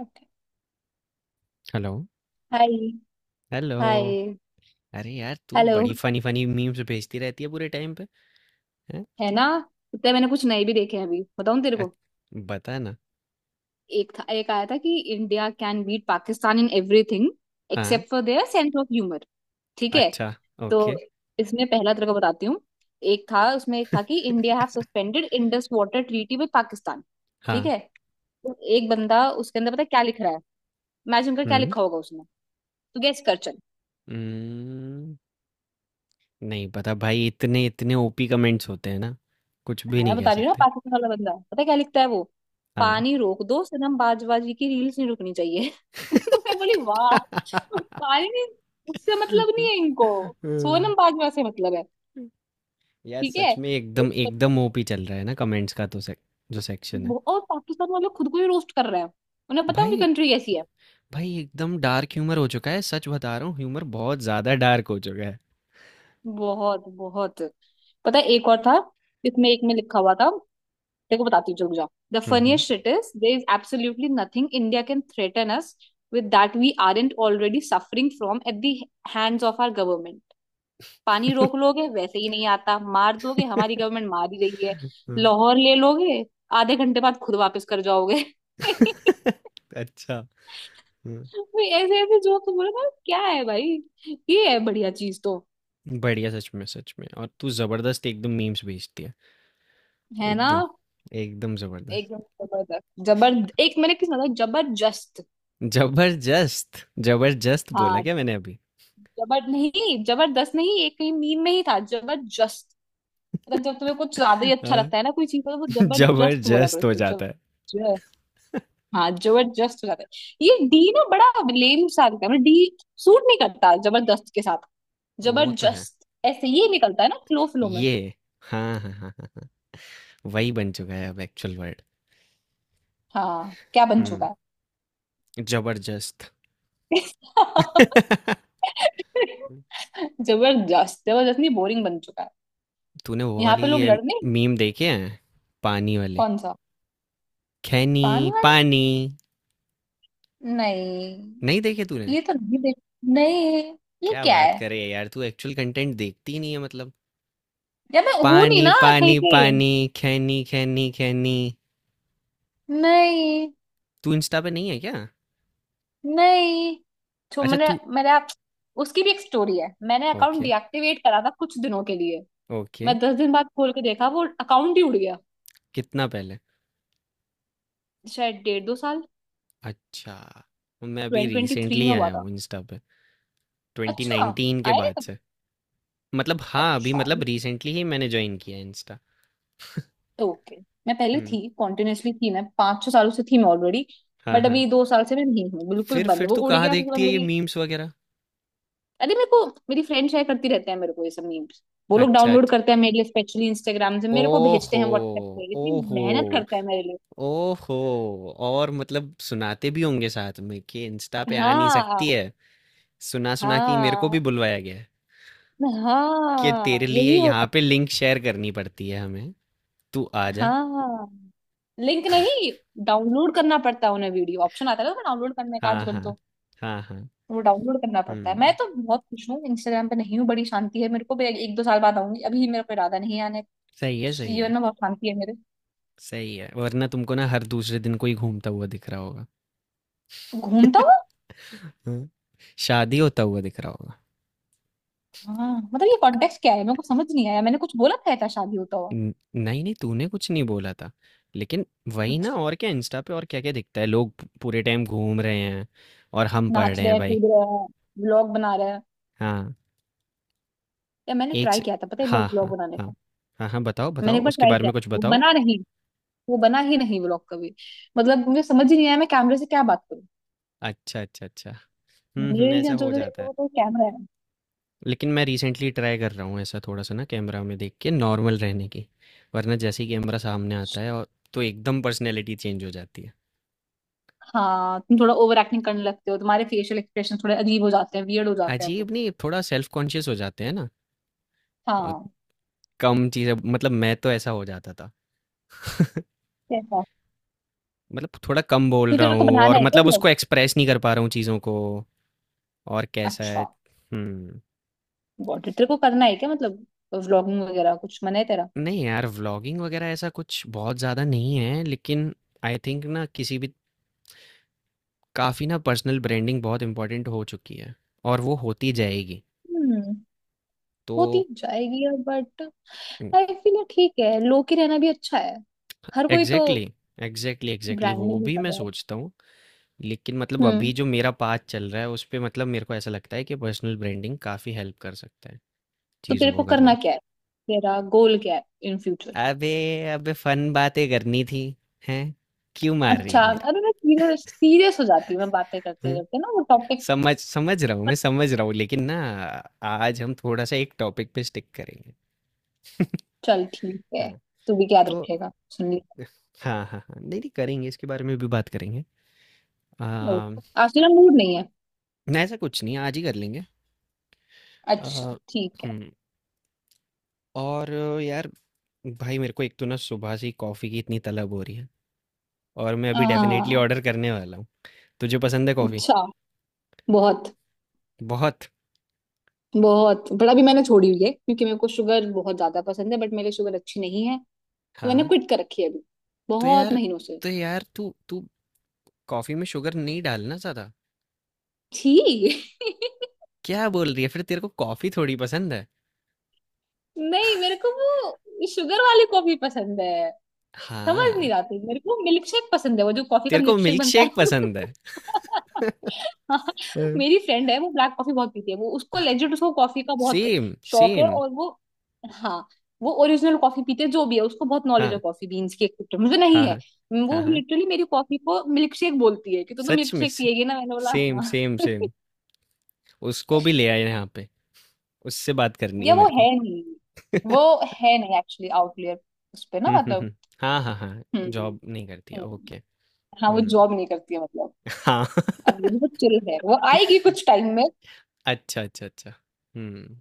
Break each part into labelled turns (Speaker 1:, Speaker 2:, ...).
Speaker 1: Okay.
Speaker 2: Hello.
Speaker 1: Hi
Speaker 2: hello.
Speaker 1: Hi.
Speaker 2: अरे यार, तू
Speaker 1: हेलो।
Speaker 2: बड़ी फ़नी-फ़नी मीम्स भेजती रहती है पूरे टाइम पे, हैं?
Speaker 1: है ना। इतने मैंने कुछ नए भी देखे हैं, अभी बताऊं तेरे
Speaker 2: अच
Speaker 1: को।
Speaker 2: बता ना।
Speaker 1: एक था, एक आया था कि India can beat Pakistan in everything
Speaker 2: हाँ,
Speaker 1: except for their sense of humour. ठीक है।
Speaker 2: अच्छा,
Speaker 1: तो
Speaker 2: ओके,
Speaker 1: इसमें पहला तेरे को बताती हूँ। एक था, उसमें एक था कि India have suspended Indus water treaty with Pakistan. ठीक
Speaker 2: हाँ,
Speaker 1: है। तो एक बंदा उसके अंदर पता है क्या लिख रहा है। इमेजिन कर क्या
Speaker 2: हुँ।
Speaker 1: लिखा होगा उसने। तू गेस कर चल।
Speaker 2: उम्म, नहीं पता भाई इतने इतने ओपी कमेंट्स होते हैं ना, कुछ भी
Speaker 1: हाँ मैं
Speaker 2: नहीं कह
Speaker 1: बता रही हूँ ना,
Speaker 2: सकते।
Speaker 1: पाकिस्तान वाला बंदा पता है क्या लिखता है वो।
Speaker 2: हाँ।
Speaker 1: पानी रोक दो सनम, बाजवाजी की रील्स नहीं रुकनी चाहिए। तो मैं बोली वाह। पानी नहीं, उससे मतलब नहीं है इनको।
Speaker 2: हुँ।
Speaker 1: सोनम बाजवा से मतलब है।
Speaker 2: यार
Speaker 1: ठीक है।
Speaker 2: सच में
Speaker 1: एक
Speaker 2: एकदम
Speaker 1: बंदा
Speaker 2: एकदम ओपी चल रहा है ना कमेंट्स का तो सेक जो सेक्शन है।
Speaker 1: और पाकिस्तान वाले खुद को ही रोस्ट कर रहे हैं। उन्हें पता है उनकी
Speaker 2: भाई
Speaker 1: कंट्री कैसी है।
Speaker 2: भाई एकदम डार्क ह्यूमर हो चुका है, सच बता रहा हूँ ह्यूमर बहुत ज़्यादा डार्क हो चुका है।
Speaker 1: बहुत बहुत। पता है एक और था। इसमें एक में लिखा हुआ था, देखो बताती हूँ, रुक जाओ। The
Speaker 2: hmm, hmm.
Speaker 1: Funniest shit is, there is absolutely nothing India can threaten us with that we aren't already suffering from at the hands of our government. पानी रोक लोगे, वैसे ही नहीं आता। मार दोगे, हमारी गवर्नमेंट मार ही रही है।
Speaker 2: हुँ।
Speaker 1: लाहौर ले लोगे, आधे घंटे बाद खुद वापस कर जाओगे।
Speaker 2: अच्छा। हुँ।
Speaker 1: भाई ऐसे ऐसे जोक्स बोले ना, क्या है भाई। ये है बढ़िया चीज तो।
Speaker 2: बढ़िया सच में और तू ज़बरदस्त एकदम मीम्स भेजती है।
Speaker 1: है ना।
Speaker 2: एकदम, एकदम ज़बरदस्त।
Speaker 1: एकदम जबरदस्त जबर एक मैंने किस, मतलब जबरदस्त।
Speaker 2: ज़बरदस्त! ज़बरदस्त बोला
Speaker 1: हाँ
Speaker 2: क्या मैंने अभी?
Speaker 1: जबर नहीं, जबरदस्त। नहीं एक कहीं मीम में ही था जबरदस्त। मतलब जब तुम्हें कुछ ज्यादा ही अच्छा
Speaker 2: हाँ।
Speaker 1: लगता है ना कोई चीज को, तो वो जबरदस्त बोला करो
Speaker 2: ज़बरदस्त हो
Speaker 1: उसको।
Speaker 2: जाता है।
Speaker 1: ज- हाँ जबरदस्त हो जाता है। ये डी ना बड़ा लेम सा लगता है, मतलब डी सूट नहीं करता जबरदस्त के साथ।
Speaker 2: वो तो है।
Speaker 1: जबरदस्त ऐसे ये निकलता है ना, फ्लो फ्लो में।
Speaker 2: ये हाँ, हाँ, हाँ, हाँ। हाँ। वही बन चुका है अब एक्चुअल वर्ड।
Speaker 1: हाँ क्या बन
Speaker 2: हुँ,
Speaker 1: चुका है।
Speaker 2: ज़बरदस्त। हुँ।
Speaker 1: जबरदस्त, जबरदस्त नहीं, बोरिंग बन चुका है।
Speaker 2: तूने वो
Speaker 1: यहाँ
Speaker 2: वाली
Speaker 1: पे लोग
Speaker 2: ये
Speaker 1: लड़ने।
Speaker 2: मीम देखे हैं? पानी वाले?
Speaker 1: कौन सा।
Speaker 2: खैनी,
Speaker 1: पान वाला।
Speaker 2: पानी।
Speaker 1: नहीं
Speaker 2: नहीं देखे तूने?
Speaker 1: ये तो नहीं देख। नहीं, ये
Speaker 2: क्या
Speaker 1: क्या है।
Speaker 2: बात करे यार तू एक्चुअल कंटेंट देखती ही नहीं है मतलब।
Speaker 1: यार मैं हूं नहीं
Speaker 2: पानी
Speaker 1: ना कहीं
Speaker 2: पानी
Speaker 1: पे।
Speaker 2: पानी। खैनी खैनी खैनी।
Speaker 1: नहीं।
Speaker 2: तू इंस्टा पे नहीं है क्या?
Speaker 1: नहीं तो
Speaker 2: अच्छा
Speaker 1: मैंने
Speaker 2: तू।
Speaker 1: मेरा, उसकी भी एक स्टोरी है। मैंने अकाउंट
Speaker 2: ओके,
Speaker 1: डीएक्टिवेट करा था कुछ दिनों के लिए।
Speaker 2: ओके।
Speaker 1: मैं 10 दिन बाद खोल के देखा, वो अकाउंट ही उड़ गया।
Speaker 2: कितना पहले?
Speaker 1: शायद डेढ़ दो साल।
Speaker 2: अच्छा, मैं अभी
Speaker 1: 2023
Speaker 2: रिसेंटली
Speaker 1: में हुआ
Speaker 2: आया
Speaker 1: था।
Speaker 2: हूँ इंस्टा पे
Speaker 1: अच्छा
Speaker 2: 2019 के
Speaker 1: आया नहीं
Speaker 2: बाद
Speaker 1: तब।
Speaker 2: से। मतलब हाँ अभी
Speaker 1: अच्छा।
Speaker 2: मतलब रिसेंटली ही मैंने ज्वाइन किया है इंस्टा।
Speaker 1: तो ओके। मैं पहले
Speaker 2: हम्म।
Speaker 1: थी, कॉन्टिन्यूअसली थी, मैं पाँच छह सालों से थी मैं ऑलरेडी।
Speaker 2: हाँ
Speaker 1: बट
Speaker 2: हाँ।
Speaker 1: अभी 2 साल से मैं नहीं हूँ, बिल्कुल बंद।
Speaker 2: फिर
Speaker 1: वो
Speaker 2: तू
Speaker 1: उड़
Speaker 2: कहाँ
Speaker 1: गया फिर
Speaker 2: देखती है ये
Speaker 1: मेरी।
Speaker 2: मीम्स वगैरह?
Speaker 1: अरे मेरे को मेरी फ्रेंड शेयर करती रहते हैं मेरे को ये सब मीम्स। वो लोग
Speaker 2: अच्छा
Speaker 1: डाउनलोड
Speaker 2: अच्छा।
Speaker 1: करते हैं मेरे लिए, स्पेशली इंस्टाग्राम से मेरे को भेजते
Speaker 2: ओहो
Speaker 1: हैं व्हाट्सएप पे। इतनी
Speaker 2: ओहो
Speaker 1: मेहनत करता है मेरे लिए।
Speaker 2: ओहो। और मतलब सुनाते भी होंगे साथ में कि इंस्टा पे आ नहीं
Speaker 1: हाँ।
Speaker 2: सकती है। सुना सुना कि मेरे को
Speaker 1: हाँ
Speaker 2: भी बुलवाया गया है कि तेरे
Speaker 1: हाँ
Speaker 2: लिए
Speaker 1: यही होता।
Speaker 2: यहाँ पे लिंक शेयर करनी पड़ती है हमें। तू आ जा।
Speaker 1: हाँ लिंक नहीं, डाउनलोड करना पड़ता है उन्हें। वीडियो ऑप्शन आता है ना डाउनलोड करने का
Speaker 2: हाँ
Speaker 1: आजकल
Speaker 2: हाँ
Speaker 1: तो।
Speaker 2: हाँ हाँ।
Speaker 1: वो डाउनलोड करना पड़ता है। मैं
Speaker 2: हम्म।
Speaker 1: तो बहुत खुश हूँ इंस्टाग्राम पे नहीं हूँ, बड़ी शांति है। मेरे को भी एक दो साल बाद आऊंगी, अभी मेरा कोई इरादा नहीं है आने
Speaker 2: सही है
Speaker 1: का।
Speaker 2: सही है
Speaker 1: जीवन में बहुत शांति है मेरे।
Speaker 2: सही है। वरना तुमको ना हर दूसरे दिन कोई घूमता हुआ दिख रहा होगा।
Speaker 1: घूमता हूँ।
Speaker 2: हाँ। शादी होता हुआ दिख रहा होगा।
Speaker 1: हाँ मतलब ये कॉन्टेक्स्ट क्या है मेरे को समझ नहीं आया, मैंने कुछ बोला था ऐसा शादी होता हुआ।
Speaker 2: नहीं नहीं तूने कुछ नहीं बोला था, लेकिन वही ना।
Speaker 1: अच्छा।
Speaker 2: और क्या इंस्टा पे, और क्या क्या दिखता है, लोग पूरे टाइम घूम रहे हैं, और हम पढ़
Speaker 1: नाच
Speaker 2: रहे
Speaker 1: रहे
Speaker 2: हैं
Speaker 1: हैं,
Speaker 2: भाई।
Speaker 1: कूद रहे हैं, व्लॉग बना रहे हैं।
Speaker 2: हाँ।
Speaker 1: या मैंने
Speaker 2: एक
Speaker 1: ट्राई
Speaker 2: से।
Speaker 1: किया था, पता है, एक बार
Speaker 2: हाँ,
Speaker 1: व्लॉग
Speaker 2: हाँ,
Speaker 1: बनाने का।
Speaker 2: हाँ। हाँ, हाँ, बताओ,
Speaker 1: मैंने
Speaker 2: बताओ,
Speaker 1: एक बार
Speaker 2: उसके
Speaker 1: ट्राई
Speaker 2: बारे
Speaker 1: किया
Speaker 2: में कुछ
Speaker 1: था, वो
Speaker 2: बताओ।
Speaker 1: बना नहीं। वो बना ही नहीं व्लॉग कभी। मतलब मुझे समझ ही नहीं आया मैं कैमरे से क्या बात करूँ।
Speaker 2: अच्छा, अच्छा, अच्छा। हुँ, हुँ,
Speaker 1: मेल या
Speaker 2: ऐसा
Speaker 1: जो
Speaker 2: हो
Speaker 1: जो
Speaker 2: जाता
Speaker 1: देखो
Speaker 2: है।
Speaker 1: वो तो कैमरा है।
Speaker 2: लेकिन मैं रिसेंटली ट्राई कर रहा हूँ ऐसा थोड़ा-सा ना, कैमरा में देख के नॉर्मल रहने की, वरना जैसे ही कैमरा सामने आता है, और तो एकदम पर्सनैलिटी चेंज हो जाती है।
Speaker 1: हाँ तुम थोड़ा ओवर एक्टिंग करने लगते हो, तुम्हारे फेशियल एक्सप्रेशन थोड़े अजीब हो जाते हैं, वियर्ड हो जाते हैं वो।
Speaker 2: अजीब नहीं, थोड़ा सेल्फ कॉन्शियस हो जाते हैं ना। अ,
Speaker 1: हाँ।
Speaker 2: कम चीज़ें, मतलब मैं तो ऐसा हो जाता था।
Speaker 1: कैसा।
Speaker 2: मतलब थोड़ा कम बोल
Speaker 1: क्यों
Speaker 2: रहा
Speaker 1: तेरे को
Speaker 2: हूँ,
Speaker 1: बनाना
Speaker 2: और
Speaker 1: है क्या
Speaker 2: मतलब
Speaker 1: व्लॉग।
Speaker 2: उसको एक्सप्रेस नहीं कर पा रहा हूँ चीज़ों को। और कैसा है।
Speaker 1: अच्छा।
Speaker 2: हुँ।
Speaker 1: Got it. तेरे को करना है क्या मतलब, व्लॉगिंग वगैरह कुछ मन है तेरा।
Speaker 2: नहीं यार, व्लॉगिंग वगैरह ऐसा कुछ बहुत ज़्यादा नहीं है, लेकिन आई थिंक ना किसी भी, काफ़ी ना पर्सनल ब्रांडिंग बहुत इम्पोर्टेंट हो चुकी है, और वो होती जाएगी,
Speaker 1: हम्म। होती
Speaker 2: तो।
Speaker 1: जाएगी अब, बट आई फील ठीक है, लो की रहना भी अच्छा है। हर कोई तो
Speaker 2: एग्जैक्टली। एग्जैक्टली एग्जैक्टली वो
Speaker 1: ब्रांडिंग भी
Speaker 2: भी
Speaker 1: कर
Speaker 2: मैं
Speaker 1: रहा है।
Speaker 2: सोचता हूँ। लेकिन मतलब
Speaker 1: हम्म।
Speaker 2: अभी जो मेरा पाथ चल रहा है उस पे, मतलब मेरे को ऐसा लगता है कि पर्सनल ब्रांडिंग काफ़ी हेल्प कर सकता है
Speaker 1: तो
Speaker 2: चीज़ों
Speaker 1: तेरे को
Speaker 2: को करने
Speaker 1: करना
Speaker 2: में।
Speaker 1: क्या है, तेरा गोल क्या है इन फ्यूचर।
Speaker 2: अबे अबे फन बातें करनी थी। हैं? क्यों मार रही
Speaker 1: अच्छा।
Speaker 2: है?
Speaker 1: अरे मैं सीरियस सीरियस हो जाती हूँ, मैं बातें करते
Speaker 2: मेरी
Speaker 1: करते ना वो टॉपिक
Speaker 2: समझ समझ रहा हूँ,
Speaker 1: पर।
Speaker 2: मैं समझ रहा हूँ लेकिन ना, आज हम थोड़ा-सा एक टॉपिक पे स्टिक करेंगे।
Speaker 1: चल ठीक है।
Speaker 2: हाँ,
Speaker 1: तू भी याद
Speaker 2: तो।
Speaker 1: रखेगा, सुन लिया।
Speaker 2: हाँ, हाँ, हाँ। नहीं, नहीं, करेंगे, इसके बारे में भी बात करेंगे। ना
Speaker 1: ओके आज तेरा मूड नहीं है।
Speaker 2: ऐसा कुछ नहीं, आज ही कर लेंगे।
Speaker 1: अच्छा।
Speaker 2: अ,
Speaker 1: ठीक है।
Speaker 2: हुँ, और यार, भाई मेरे को एक तो ना सुबह से ही कॉफ़ी की इतनी तलब हो रही है, और मैं अभी डेफ़िनेटली
Speaker 1: हाँ।
Speaker 2: ऑर्डर करने वाला हूँ। तुझे पसंद है कॉफ़ी?
Speaker 1: अच्छा। बहुत।
Speaker 2: बहुत।
Speaker 1: बहुत बड़ा भी मैंने छोड़ी हुई है क्योंकि मेरे को शुगर बहुत ज्यादा पसंद है, बट मेरे शुगर अच्छी नहीं है। तो मैंने
Speaker 2: हाँ,
Speaker 1: क्विट कर रखी है अभी,
Speaker 2: तो
Speaker 1: बहुत
Speaker 2: यार
Speaker 1: महीनों से।
Speaker 2: तो यार तू तू कॉफ़ी में शुगर नहीं डालना ज़्यादा।
Speaker 1: छी।
Speaker 2: क्या बोल रही है? फिर तेरे को कॉफ़ी थोड़ी पसंद है।
Speaker 1: नहीं मेरे को वो शुगर वाली कॉफी पसंद है। समझ
Speaker 2: हाँ।
Speaker 1: नहीं आती मेरे को, मिल्क शेक पसंद है, वो जो कॉफी का
Speaker 2: तेरे को
Speaker 1: मिल्क शेक
Speaker 2: मिल्क
Speaker 1: बनता
Speaker 2: शेक
Speaker 1: है।
Speaker 2: पसंद है।
Speaker 1: हाँ,
Speaker 2: हाँ,
Speaker 1: मेरी फ्रेंड है, वो ब्लैक कॉफी बहुत पीती है। वो उसको लेजिट उसको कॉफी का बहुत
Speaker 2: सेम
Speaker 1: शौक है
Speaker 2: सेम।
Speaker 1: और वो। हाँ वो ओरिजिनल कॉफी पीते हैं, जो भी है उसको बहुत नॉलेज है
Speaker 2: हाँ
Speaker 1: कॉफी बीन्स की, एक्सेप्ट मुझे नहीं
Speaker 2: हाँ
Speaker 1: है।
Speaker 2: हाँ
Speaker 1: वो
Speaker 2: हाँ हाँ,
Speaker 1: लिटरली मेरी कॉफी को मिल्क शेक बोलती है कि तो
Speaker 2: सच
Speaker 1: मिल्क
Speaker 2: में
Speaker 1: शेक
Speaker 2: से,
Speaker 1: पिएगी ना, मैंने बोला
Speaker 2: सेम
Speaker 1: हाँ।
Speaker 2: Same same. उसको भी ले आए यहाँ पे, उससे बात करनी है
Speaker 1: ये वो
Speaker 2: मेरे को।
Speaker 1: है नहीं, वो है नहीं एक्चुअली। आउटलेयर उस पे ना, मतलब।
Speaker 2: हम्म। हाँ हाँ हाँ।
Speaker 1: हम्म
Speaker 2: जॉब नहीं करती है,
Speaker 1: हम्म,
Speaker 2: ओके।
Speaker 1: हाँ वो
Speaker 2: हम्म,
Speaker 1: जॉब नहीं करती है मतलब।
Speaker 2: हाँ।
Speaker 1: अब ये बहुत चिल है, वो आएगी कुछ टाइम में।
Speaker 2: अच्छा अच्छा अच्छा। हम्म।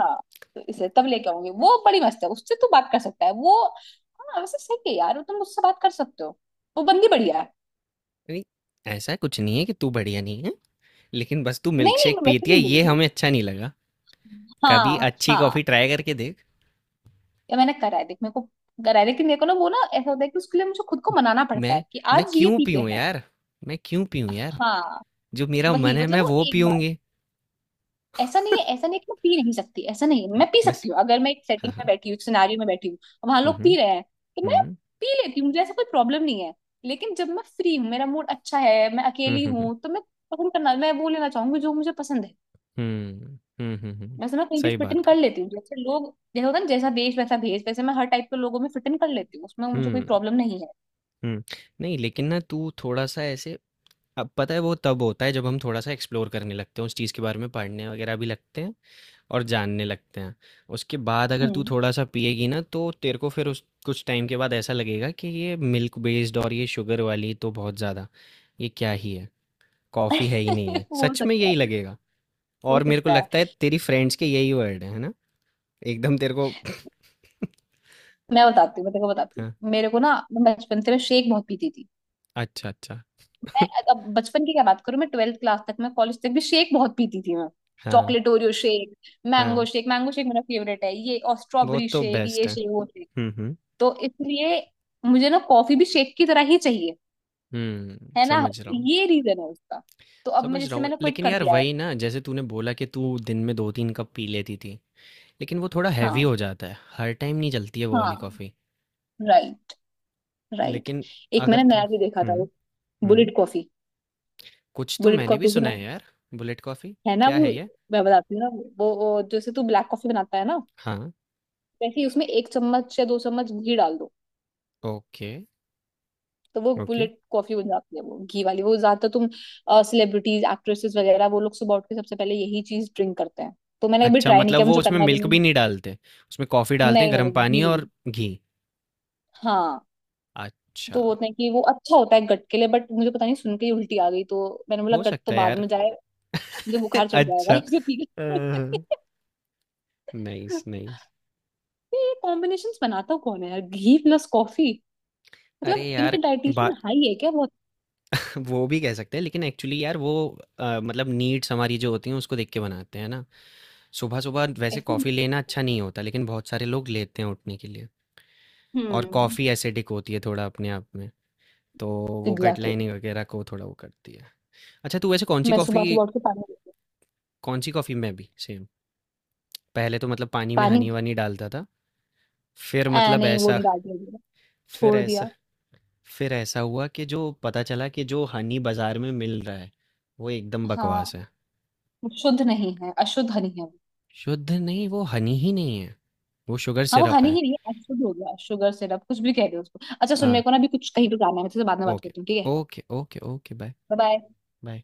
Speaker 1: हाँ तो इसे तब लेके आऊंगी, वो बड़ी मस्त है, उससे तू बात कर सकता है वो। हाँ वैसे सही है यार, तुम उससे बात कर सकते हो, वो बंदी बढ़िया है।
Speaker 2: नहीं, ऐसा कुछ नहीं है कि तू बढ़िया नहीं है, लेकिन बस तू
Speaker 1: नहीं
Speaker 2: मिल्क
Speaker 1: नहीं,
Speaker 2: शेक
Speaker 1: मैं वैसे
Speaker 2: पीती है,
Speaker 1: नहीं बोल
Speaker 2: ये
Speaker 1: रही।
Speaker 2: हमें अच्छा नहीं लगा। कभी
Speaker 1: हाँ
Speaker 2: अच्छी
Speaker 1: हाँ।
Speaker 2: कॉफी ट्राई करके देख।
Speaker 1: ये मैंने करा है, देख मेरे को करा है, लेकिन मेरे को ना वो ना ऐसा होता है कि उसके लिए मुझे खुद को मनाना पड़ता है
Speaker 2: मैं
Speaker 1: कि
Speaker 2: मैं
Speaker 1: आज ये
Speaker 2: क्यों
Speaker 1: पीते
Speaker 2: पीऊँ
Speaker 1: हैं।
Speaker 2: यार, मैं क्यों पीऊँ यार,
Speaker 1: हाँ
Speaker 2: जो मेरा मन
Speaker 1: वही
Speaker 2: है
Speaker 1: मतलब
Speaker 2: मैं
Speaker 1: वो
Speaker 2: वो
Speaker 1: एक बार।
Speaker 2: पीऊँगी।
Speaker 1: ऐसा नहीं है, ऐसा नहीं है कि मैं पी नहीं सकती, ऐसा नहीं है,
Speaker 2: हाँ,
Speaker 1: मैं पी
Speaker 2: बस।
Speaker 1: सकती हूँ अगर मैं एक
Speaker 2: हाँ,
Speaker 1: सेटिंग में
Speaker 2: हाँ।
Speaker 1: बैठी हूँ, एक सिनारियो में बैठी हूँ और वहां
Speaker 2: हुँ,
Speaker 1: लोग
Speaker 2: हुँ।
Speaker 1: पी रहे हैं तो मैं
Speaker 2: हुँ,
Speaker 1: पी लेती हूँ, मुझे ऐसा कोई प्रॉब्लम नहीं है। लेकिन जब मैं फ्री हूँ, मेरा मूड अच्छा है, मैं
Speaker 2: हुँ,
Speaker 1: अकेली
Speaker 2: हुँ, हुँ।
Speaker 1: हूँ, तो मैं पसंद करना, मैं वो लेना चाहूंगी जो मुझे पसंद है।
Speaker 2: हुँ, हुँ, हुँ, हुँ।
Speaker 1: वैसे मैं कहीं भी
Speaker 2: सही
Speaker 1: फिट इन
Speaker 2: बात
Speaker 1: कर
Speaker 2: है।
Speaker 1: लेती हूँ, जैसे लोग, जैसे होता है ना, जैसा देश वैसा भेष, वैसे मैं हर टाइप के लोगों में फिट इन कर लेती हूँ, उसमें मुझे कोई
Speaker 2: हुँ,
Speaker 1: प्रॉब्लम नहीं है।
Speaker 2: हुँ। नहीं लेकिन ना तू थोड़ा-सा ऐसे। अब पता है वो तब होता है जब हम थोड़ा-सा एक्सप्लोर करने लगते हैं, उस चीज़ के बारे में पढ़ने वग़ैरह भी लगते हैं, और जानने लगते हैं। उसके बाद अगर तू
Speaker 1: हम्म।
Speaker 2: थोड़ा-सा पिएगी ना, तो तेरे को फिर उस कुछ टाइम के बाद ऐसा लगेगा कि ये मिल्क बेस्ड और ये शुगर वाली तो बहुत ज़्यादा, ये क्या ही है? कॉफ़ी है ही नहीं है।
Speaker 1: हो
Speaker 2: सच में
Speaker 1: सकता
Speaker 2: यही
Speaker 1: है।
Speaker 2: लगेगा।
Speaker 1: हो
Speaker 2: और मेरे को
Speaker 1: सकता है।
Speaker 2: लगता है तेरी फ्रेंड्स के यही वर्ड है ना? एकदम तेरे को।
Speaker 1: मैं बताती हूँ, मैं तेरे को बताती
Speaker 2: हाँ,
Speaker 1: हूँ, मेरे को ना, मैं बचपन से मैं शेक बहुत पीती थी
Speaker 2: अच्छा अच्छा।
Speaker 1: मैं। अब बचपन की क्या बात करूं, मैं ट्वेल्थ क्लास तक, मैं कॉलेज तक भी शेक बहुत पीती थी मैं।
Speaker 2: हाँ
Speaker 1: चॉकलेट ओरियो शेक, मैंगो
Speaker 2: हाँ,
Speaker 1: शेक, मैंगो शेक मेरा फेवरेट है ये, और
Speaker 2: वो
Speaker 1: स्ट्रॉबेरी
Speaker 2: तो
Speaker 1: शेक,
Speaker 2: बेस्ट
Speaker 1: ये
Speaker 2: है।
Speaker 1: शेक वो शेक।
Speaker 2: हम्म हम्म
Speaker 1: तो इसलिए मुझे ना कॉफी भी शेक की तरह ही चाहिए।
Speaker 2: हम्म,
Speaker 1: है ना।
Speaker 2: समझ रहा हूँ।
Speaker 1: ये रीजन है उसका। तो अब मैं,
Speaker 2: समझ रहा
Speaker 1: जैसे
Speaker 2: हूँ
Speaker 1: मैंने क्विट
Speaker 2: लेकिन
Speaker 1: कर
Speaker 2: यार,
Speaker 1: दिया है।
Speaker 2: वही ना, जैसे तूने बोला कि तू दिन में दो तीन कप पी लेती थी, लेकिन वो थोड़ा हैवी
Speaker 1: हाँ
Speaker 2: हो जाता है, हर टाइम नहीं चलती है वो वाली
Speaker 1: हाँ।
Speaker 2: कॉफ़ी।
Speaker 1: Right right.
Speaker 2: लेकिन
Speaker 1: एक
Speaker 2: अगर
Speaker 1: मैंने
Speaker 2: तू।
Speaker 1: नया भी देखा था
Speaker 2: हम्म
Speaker 1: वो,
Speaker 2: हम्म।
Speaker 1: Bullet coffee.
Speaker 2: कुछ तो
Speaker 1: बुलेट
Speaker 2: मैंने भी
Speaker 1: कॉफी
Speaker 2: सुना
Speaker 1: सुना है
Speaker 2: है यार, बुलेट कॉफ़ी।
Speaker 1: है ना
Speaker 2: क्या
Speaker 1: वो।
Speaker 2: है ये?
Speaker 1: मैं बताती हूँ ना वो जैसे तू ब्लैक कॉफी बनाता है ना,
Speaker 2: हाँ।
Speaker 1: वैसे ही उसमें 1 चम्मच या 2 चम्मच घी डाल दो।
Speaker 2: ओके,
Speaker 1: तो वो
Speaker 2: ओके।
Speaker 1: बुलेट कॉफी बन जाती है, वो घी वाली। वो ज्यादातर तुम सेलिब्रिटीज, एक्ट्रेसेस वगैरह, वो लोग सुबह उठ के सबसे पहले यही चीज ड्रिंक करते हैं। तो मैंने कभी
Speaker 2: अच्छा,
Speaker 1: ट्राई नहीं
Speaker 2: मतलब
Speaker 1: किया,
Speaker 2: वो
Speaker 1: मुझे
Speaker 2: उसमें
Speaker 1: करना भी
Speaker 2: मिल्क भी
Speaker 1: नहीं।
Speaker 2: नहीं डालते? उसमें कॉफ़ी डालते हैं,
Speaker 1: नहीं नहीं
Speaker 2: गर्म
Speaker 1: नहीं,
Speaker 2: पानी
Speaker 1: घी,
Speaker 2: और घी?
Speaker 1: हाँ।
Speaker 2: अच्छा,
Speaker 1: तो वो होता है कि वो अच्छा होता है गट के लिए, बट मुझे पता नहीं सुन के ही उल्टी आ गई, तो मैंने बोला
Speaker 2: हो
Speaker 1: गट तो
Speaker 2: सकता है
Speaker 1: बाद
Speaker 2: यार।
Speaker 1: में जाए, मुझे बुखार चढ़ जाएगा।
Speaker 2: अच्छा।
Speaker 1: इसे पी
Speaker 2: अ,
Speaker 1: के।
Speaker 2: Nice, nice.
Speaker 1: ये कॉम्बिनेशन बनाता कौन है यार, घी प्लस कॉफी,
Speaker 2: अरे
Speaker 1: मतलब इनके
Speaker 2: यार, बा
Speaker 1: डाइटिशियन हाई है क्या बहुत।
Speaker 2: वो भी कह सकते हैं, लेकिन एक्चुअली यार वो, मतलब नीड्स हमारी जो होती हैं, उसको देख के बनाते हैं, है ना? सुबह-सुबह वैसे
Speaker 1: ऐसे नहीं
Speaker 2: कॉफ़ी लेना
Speaker 1: बनाते।
Speaker 2: अच्छा नहीं होता, लेकिन बहुत सारे लोग लेते हैं उठने के लिए। और
Speaker 1: हम्म।
Speaker 2: कॉफ़ी एसिडिक होती है थोड़ा अपने आप में, तो वो गट
Speaker 1: एग्जैक्टली।
Speaker 2: लाइनिंग वगैरह को थोड़ा वो करती है। अच्छा, तू वैसे कौन-सी
Speaker 1: मैं सुबह
Speaker 2: कॉफ़ी
Speaker 1: सुबह उठ के पानी।
Speaker 2: कौन-सी कॉफ़ी में अभी सेम? पहले तो मतलब पानी में
Speaker 1: पानी।
Speaker 2: हनी-वनी डालता था। फिर
Speaker 1: ऐ
Speaker 2: मतलब
Speaker 1: नहीं, वो
Speaker 2: ऐसा
Speaker 1: नहीं डाल दिया,
Speaker 2: फिर
Speaker 1: छोड़
Speaker 2: ऐसा
Speaker 1: दिया।
Speaker 2: फिर ऐसा हुआ कि जो पता चला कि जो हनी बाज़ार में मिल रहा है, वो एकदम
Speaker 1: हाँ
Speaker 2: बकवास है।
Speaker 1: वो शुद्ध नहीं है, अशुद्ध हनी है वो।
Speaker 2: शुद्ध नहीं, वो हनी ही नहीं है, वो शुगर
Speaker 1: हाँ वो
Speaker 2: सिरप
Speaker 1: हनी
Speaker 2: है।
Speaker 1: ही नहीं है, अशुद्ध हो गया, शुगर सिरप, कुछ भी कह दे उसको। अच्छा सुन,
Speaker 2: हाँ,
Speaker 1: मेरे को ना अभी कुछ कहीं पे जाना है, मैं तुझसे बाद में बात
Speaker 2: ओके,
Speaker 1: करती हूँ, ठीक है।
Speaker 2: Okay, okay, okay, bye,
Speaker 1: bye bye.
Speaker 2: Bye.